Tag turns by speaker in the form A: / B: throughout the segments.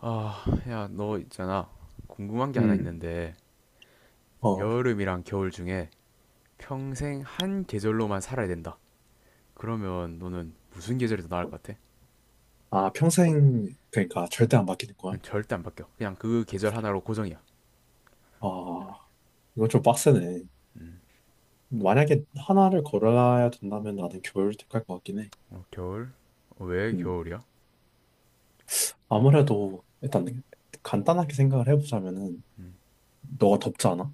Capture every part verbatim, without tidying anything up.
A: 아, 야, 너 있잖아. 궁금한 게 하나
B: 음,
A: 있는데,
B: 어,
A: 여름이랑 겨울 중에 평생 한 계절로만 살아야 된다. 그러면 너는 무슨 계절이 더 나을 것 같아?
B: 아, 평생, 그러니까 절대 안 바뀌는
A: 응,
B: 거야?
A: 절대 안 바뀌어. 그냥 그 계절 하나로 고정이야.
B: 아, 이건 좀 빡세네. 만약에 하나를 걸어야 된다면 나는 겨울을 택할 것 같긴 해.
A: 어, 겨울? 어, 왜
B: 음,
A: 겨울이야?
B: 아무래도 일단 간단하게 생각을 해보자면은 너가 덥잖아?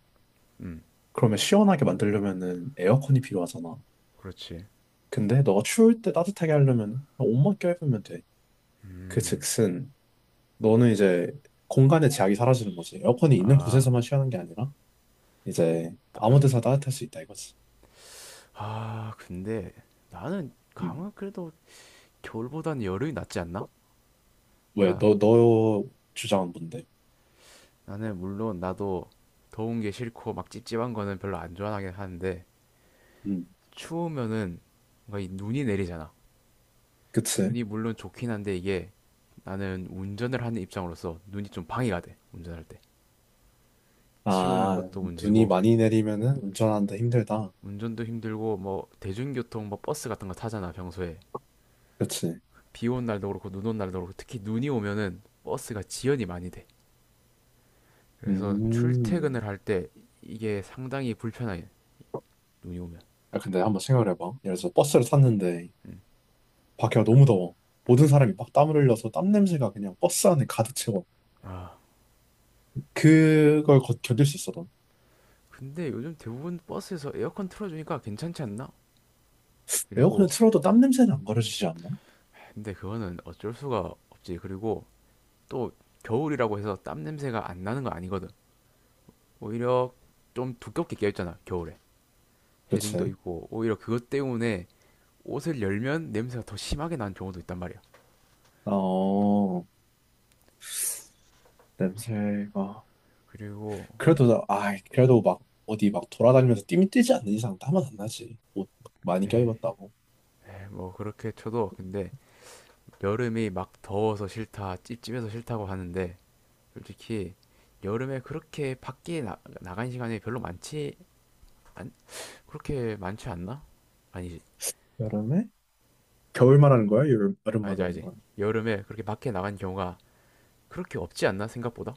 A: 음,
B: 그러면 시원하게 만들려면은 에어컨이 필요하잖아.
A: 그렇지.
B: 근데 너가 추울 때 따뜻하게 하려면 옷만 껴입으면 돼. 그 즉슨 너는 이제 공간의 제약이 사라지는 거지. 에어컨이 있는
A: 아,
B: 곳에서만 시원한 게 아니라 이제 아무
A: 다른,
B: 데서 따뜻할 수 있다 이거지.
A: 아, 근데 나는
B: 음.
A: 감은 그래도 겨울보다는 여름이 낫지 않나?
B: 왜,
A: 그러니까
B: 너, 너 주장은 뭔데?
A: 나는 물론 나도 더운 게 싫고 막 찝찝한 거는 별로 안 좋아하긴 하는데,
B: 음.
A: 추우면은 뭔가 이 눈이 내리잖아.
B: 그치?
A: 눈이 물론 좋긴 한데 이게 나는 운전을 하는 입장으로서 눈이 좀 방해가 돼. 운전할 때. 치우는
B: 아,
A: 것도
B: 눈이
A: 문제고
B: 많이 내리면은 운전하는데 힘들다.
A: 운전도 힘들고 뭐 대중교통 뭐 버스 같은 거 타잖아 평소에.
B: 그치?
A: 비온 날도 그렇고 눈 온 날도 그렇고 특히 눈이 오면은 버스가 지연이 많이 돼. 그래서
B: 음.
A: 출퇴근을 할 때 이게 상당히 불편해. 눈이 오면.
B: 아, 근데 한번 생각해봐. 예를 들어서 버스를 탔는데 밖에가 너무 더워. 모든 사람이 막 땀을 흘려서 땀 냄새가 그냥 버스 안에 가득 채워. 그걸 거- 견딜 수 있어도
A: 근데 요즘 대부분 버스에서 에어컨 틀어주니까 괜찮지 않나?
B: 에어컨을
A: 그리고
B: 틀어도 땀 냄새는 안 가려지지 않나?
A: 근데 그거는 어쩔 수가 없지. 그리고 또 겨울이라고 해서 땀 냄새가 안 나는 거 아니거든. 오히려 좀 두껍게 껴있잖아 겨울에. 헤딩도
B: 그치?
A: 있고, 오히려 그것 때문에 옷을 열면 냄새가 더 심하게 나는 경우도 있단 말이야.
B: 어, 냄새가.
A: 그리고,
B: 그래도, 나- 아, 그래도 막 어디 막 돌아다니면서 띠미 뛰지 않는 이상 땀은 안 나지. 옷 많이
A: 에, 에,
B: 껴입었다고.
A: 뭐 그렇게 쳐도, 근데 여름이 막 더워서 싫다, 찝찝해서 싫다고 하는데, 솔직히 여름에 그렇게 밖에 나, 나간 시간이 별로 많지, 안, 그렇게 많지 않나? 아니지.
B: 여름에?
A: 그럼,
B: 겨울 말하는 거야? 여름, 여름
A: 알지,
B: 말하는
A: 알지.
B: 거야?
A: 여름에 그렇게 밖에 나간 경우가 그렇게 없지 않나, 생각보다?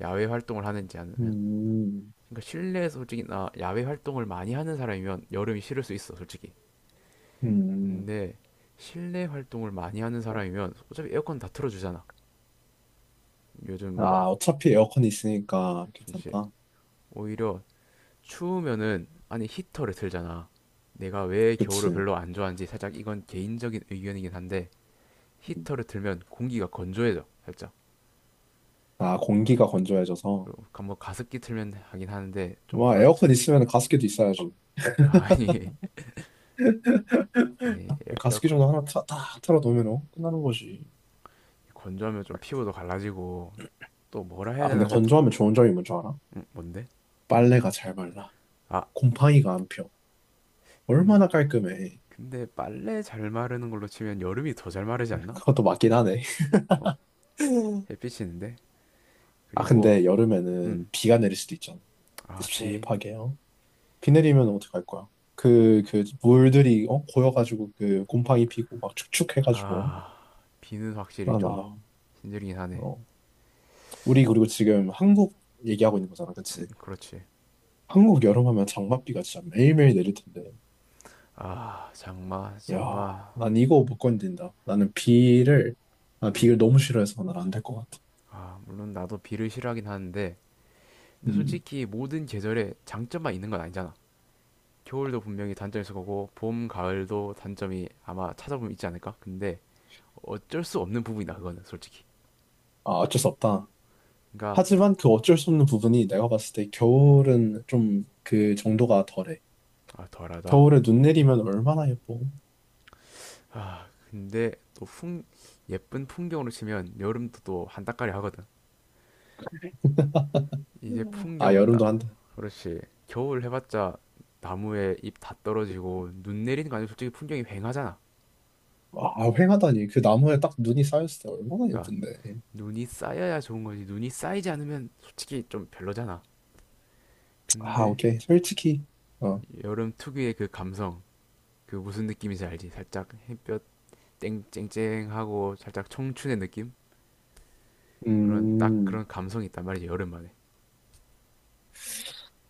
A: 야외 활동을 하는지 아니면
B: 음,
A: 그러니까 실내에서 솔직히 나 야외 활동을 많이 하는 사람이면 여름이 싫을 수 있어 솔직히.
B: 음.
A: 근데 실내 활동을 많이 하는 사람이면 어차피 에어컨 다 틀어주잖아 요즘 뭐.
B: 아, 어차피 에어컨이 있으니까
A: 진짜
B: 괜찮다.
A: 오히려 추우면은 아니 히터를 틀잖아. 내가 왜 겨울을
B: 그치.
A: 별로 안 좋아하는지 살짝 이건 개인적인 의견이긴 한데,
B: 음.
A: 히터를 틀면 공기가 건조해져 살짝.
B: 아, 공기가 건조해져서.
A: 그리고 뭐 가습기 틀면 하긴 하는데 좀
B: 와,
A: 그렇죠.
B: 에어컨 있으면 가습기도 있어야지.
A: 아니 아니 에어
B: 가습기 정도 하나 타, 딱 틀어놓으면 끝나는 거지.
A: 건조하면 좀 피부도 갈라지고 또 뭐라 해야
B: 아, 근데
A: 되나 살.
B: 건조하면 좋은 점이 뭔 줄 알아?
A: 음, 뭔데?
B: 빨래가 잘 말라.
A: 아,
B: 곰팡이가 안 펴.
A: 근
B: 얼마나 깔끔해.
A: 근데 빨래 잘 마르는 걸로 치면 여름이 더 잘 마르지 않나?
B: 그것도 맞긴 하네.
A: 어, 햇빛이는데. 있
B: 아,
A: 그리고.
B: 근데
A: 음.
B: 여름에는 비가 내릴 수도 있잖아.
A: 아, 비.
B: 씹씹하게요. 비 내리면 어떡할 거야? 그, 그, 물들이, 어, 고여가지고, 그, 곰팡이 피고, 막 축축해가지고.
A: 아, 비는 확실히
B: 아,
A: 좀
B: 나,
A: 힘들긴 하네.
B: 어. 우리, 그리고 지금 한국 얘기하고 있는 거잖아,
A: 음,
B: 그치?
A: 그렇지.
B: 한국 여름하면 장맛비가 진짜 매일매일 내릴 텐데.
A: 아, 장마,
B: 야,
A: 장마.
B: 난 이거 못 견딘다. 나는 비를, 난 비를 너무 싫어해서 난 안 될 것 같아.
A: 아, 물론 나도 비를 싫어하긴 하는데 근데
B: 음.
A: 솔직히 모든 계절에 장점만 있는 건 아니잖아. 겨울도 분명히 단점이 있을 거고 봄, 가을도 단점이 아마 찾아보면 있지 않을까? 근데 어쩔 수 없는 부분이다 그거는 솔직히.
B: 아, 어쩔 수 없다.
A: 그러니까
B: 하지만 그 어쩔 수 없는 부분이 내가 봤을 때 겨울은 좀 그 정도가 덜해.
A: 아, 덜하다.
B: 겨울에 눈 내리면 얼마나 예뻐.
A: 아, 근데 또 풍, 예쁜 풍경으로 치면 여름도 또 한따까리 하거든. 이제
B: 음. 아,
A: 풍경 딱,
B: 여름도 한다.
A: 그렇지. 겨울 해봤자 나무에 잎 다 떨어지고 눈 내리는 거 아니면 솔직히 풍경이 휑하잖아.
B: 아, 휑하다니. 그 나무에 딱 눈이 쌓였을 때 얼마나
A: 그러니까
B: 예쁜데.
A: 눈이 쌓여야 좋은 거지. 눈이 쌓이지 않으면 솔직히 좀 별로잖아.
B: 아,
A: 근데
B: 오케이. 솔직히. 어.
A: 여름 특유의 그 감성, 그 무슨 느낌인지 알지? 살짝 햇볕 쨍쨍쨍하고 살짝 청춘의 느낌? 그런 딱
B: 음.
A: 그런 감성이 있단 말이지, 여름만에.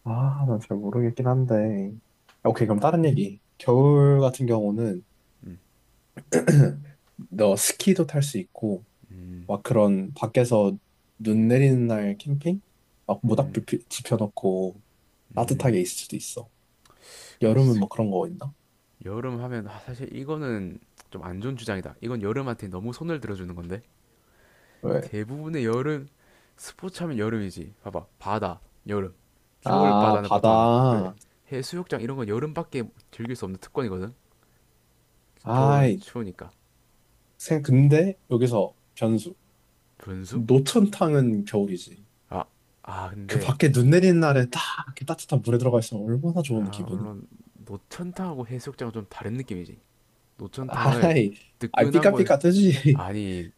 B: 아, 난 잘 모르겠긴 한데.
A: 그렇,
B: 오케이, 그럼 다른 얘기. 겨울 같은 경우는 너 스키도 탈 수 있고, 막 그런 밖에서 눈 내리는 날 캠핑? 막 모닥불 피- 지펴놓고 따뜻하게 있을 수도 있어.
A: 그럴
B: 여름은
A: 수
B: 뭐 그런 거 있나?
A: 여름 하면 아, 사실 이거는 좀 안 좋은 주장이다. 이건 여름한테 너무 손을 들어주는 건데
B: 왜?
A: 대부분의 여름 스포츠 하면 여름이지. 봐봐 바다 여름 겨울
B: 아,
A: 바다는 보통 안 가지. 그래
B: 바다.
A: 해수욕장 이런 건 여름밖에 즐길 수 없는 특권이거든. 겨울은
B: 아이,
A: 추우니까.
B: 생, 근데 여기서 변수.
A: 분수?
B: 노천탕은 겨울이지.
A: 아, 아
B: 그
A: 근데
B: 밖에 눈 내리는 날에 딱 이렇게 따뜻한 물에 들어가 있으면 얼마나 좋은
A: 아
B: 기분이.
A: 물론 노천탕하고 해수욕장은 좀 다른 느낌이지. 노천탕은
B: 아이, 아이,
A: 뜨끈한 곳
B: 삐까삐까뜨지.
A: 아니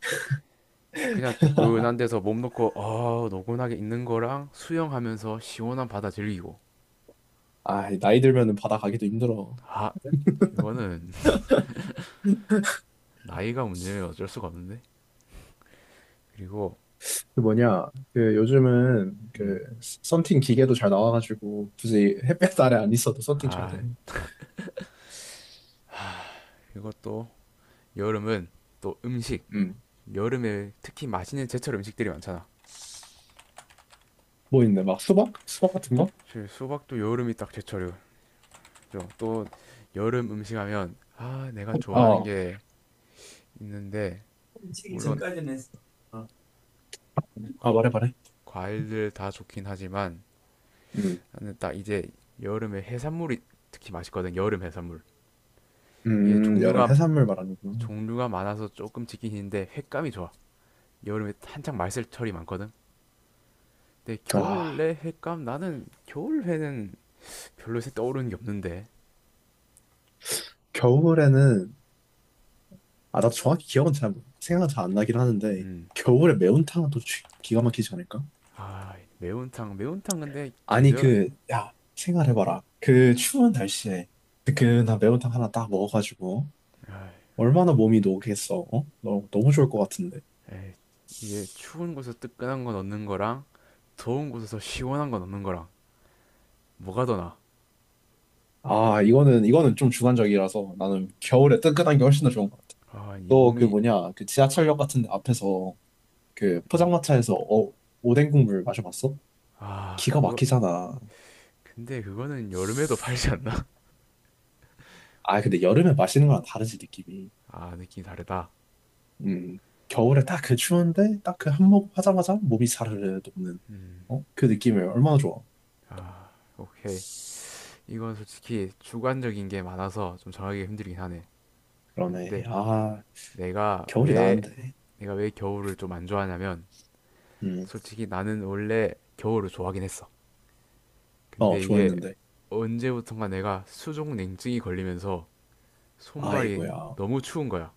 A: 그냥 뜨끈한 데서 몸 놓고 어, 노곤하게 있는 거랑 수영하면서 시원한 바다 즐기고.
B: 아이, 나이 들면은 바다 가기도 힘들어.
A: 아 이거는 나이가 문제면 어쩔 수가 없는데. 그리고
B: 그 뭐냐, 그 요즘은
A: 음,
B: 그 썬팅 기계도 잘 나와가지고 굳이 햇볕 아래 안 있어도 썬팅 쳐야
A: 아
B: 돼.
A: 그리고 또 여름은 또 음식.
B: 음.
A: 여름에 특히 맛있는 제철 음식들이 많잖아.
B: 뭐 있네, 막 수박? 수박 같은 거?
A: 사실 수박도 여름이 딱 제철이고 그죠? 또 여름 음식 하면 아 내가 좋아하는
B: 어,
A: 게 있는데
B: 치기
A: 물론
B: 전까지는 했어. 어. 아, 말해, 말해.
A: 과일들 다 좋긴 하지만,
B: 음,
A: 나는 딱 이제 여름에 해산물이 특히 맛있거든. 여름 해산물 이게
B: 음, 여름
A: 종류가
B: 해산물 말하는구나.
A: 종류가 많아서 조금 지긴 힘데 횟감이 좋아. 여름에 한창 말살철이 많거든. 근데
B: 아,
A: 겨울에 횟감 나는 겨울 회는 별로 떠오르는 게 없는데.
B: 겨울에는, 아, 나도 정확히 기억은 잘, 생각은 잘 안 나긴 하는데,
A: 음.
B: 겨울에 매운탕은 또 쥐- 기가 막히지 않을까?
A: 아, 매운탕. 매운탕 근데
B: 아니,
A: 계절.
B: 그, 야, 생각해봐라. 그 추운 날씨에 뜨끈한 매운탕 하나 딱 먹어가지고, 얼마나 몸이 녹겠어, 어? 너무, 너무 좋을 것 같은데.
A: 에이, 이제 추운 곳에서 뜨끈한 거 넣는 거랑 더운 곳에서 시원한 거 넣는 거랑 뭐가 더 나아?
B: 아, 이거는, 이거는 좀 주관적이라서 나는 겨울에 뜨끈한 게 훨씬 더 좋은 것 같아.
A: 아, 이
B: 너 그
A: 몸이.
B: 뭐냐, 그 지하철역 같은 데 앞에서 그
A: 음.
B: 포장마차에서 어, 오뎅 국물 마셔봤어?
A: 아,
B: 기가
A: 그거
B: 막히잖아.
A: 근데 그거는 여름에도 팔지 않나?
B: 아, 근데 여름에 마시는 거랑 다르지, 느낌이.
A: 아, 느낌이 다르다.
B: 음, 겨울에 딱 그 추운데 딱 그 한몫 하자마자 몸이 사르르 녹는
A: 음.
B: 어? 그 느낌이 얼마나 좋아.
A: 아, 오케이. 이건 솔직히 주관적인 게 많아서 좀 정하기가 힘들긴 하네.
B: 그러네.
A: 근데
B: 아,
A: 내가
B: 겨울이
A: 왜,
B: 나은데.
A: 내가 왜 겨울을 좀 안 좋아하냐면,
B: 음,
A: 솔직히 나는 원래 겨울을 좋아하긴 했어.
B: 어,
A: 근데 이게
B: 좋아했는데.
A: 언제부턴가 내가 수족 냉증이 걸리면서 손발이
B: 아이고야.
A: 너무 추운 거야.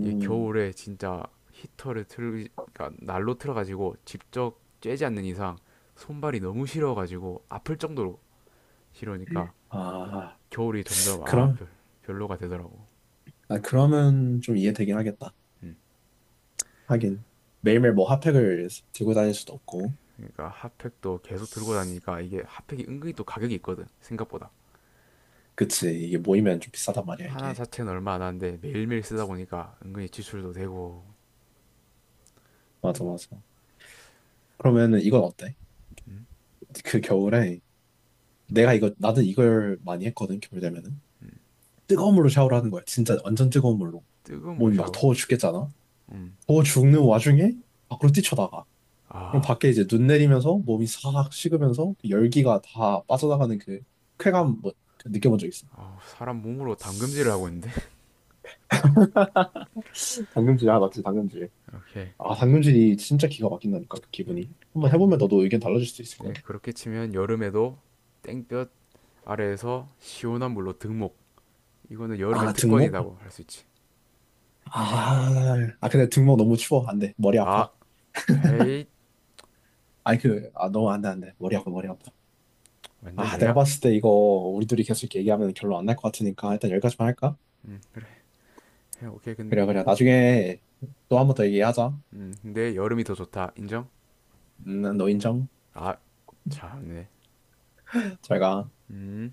A: 이게 겨울에 진짜 히터를 틀, 그러니까 난로 틀어가지고 직접 쬐지 않는 이상 손발이 너무 시려가지고 아플 정도로 시려니까
B: 아,
A: 겨울이 점점 아,
B: 그럼,
A: 별, 별로가 되더라고.
B: 아, 그러면 좀 이해되긴 하겠다.
A: 음.
B: 하긴. 매일매일 뭐 핫팩을 들고 다닐 수도 없고.
A: 그러니까 핫팩도 계속 들고 다니니까 이게 핫팩이 은근히 또 가격이 있거든 생각보다.
B: 그치. 이게 모이면 좀 비싸단 말이야,
A: 하나
B: 이게.
A: 자체는 얼마 안 하는데 매일매일 쓰다 보니까 은근히 지출도 되고.
B: 맞아,
A: 또
B: 맞아. 그러면은 이건 어때? 그 겨울에 내가 이거 나는 이걸 많이 했거든 겨울 되면은 뜨거운 물로 샤워를 하는 거야 진짜 완전 뜨거운 물로
A: 뜨거운 물
B: 몸이 막
A: 샤워.
B: 더워 죽겠잖아
A: 음.
B: 더워 죽는 와중에 밖으로 뛰쳐나가 그럼
A: 아,
B: 밖에 이제 눈 내리면서 몸이 싹 식으면서 그 열기가 다 빠져나가는 그 쾌감 뭐그 느껴본 적 있어?
A: 아, 사람 몸으로 담금질을 하고 있는데.
B: 당금질, 아, 맞지, 당금질.
A: 오케이
B: 아
A: 그럼.
B: 당근질이 진짜 기가 막힌다니까 그 기분이 한번
A: 근데
B: 해보면 너도 의견 달라질 수 있을 거야
A: 그렇게 치면 여름에도 땡볕 아래에서 시원한 물로 등목, 이거는 여름의
B: 아 등목?
A: 특권이라고 할 수 있지.
B: 아, 아 근데 등목 너무 추워 안돼 머리
A: 아
B: 아파
A: 헤이.
B: 아니 그, 아, 너무 안 돼, 안 돼. 머리 아파, 머리 아파.
A: 완전
B: 아, 내가
A: 연약.
B: 봤을 때 이거 우리 둘이 계속 이렇게 얘기하면 결론 안 날 것 같으니까 일단 여기까지만 할까?
A: 음. 해, 오케이 근,
B: 그래, 그래. 나중에 또 한 번 더 얘기하자.
A: 음, 근데 여름이 더 좋다 인정.
B: 음, 난너 인정?
A: 아 참네.
B: 잘 가.
A: 음.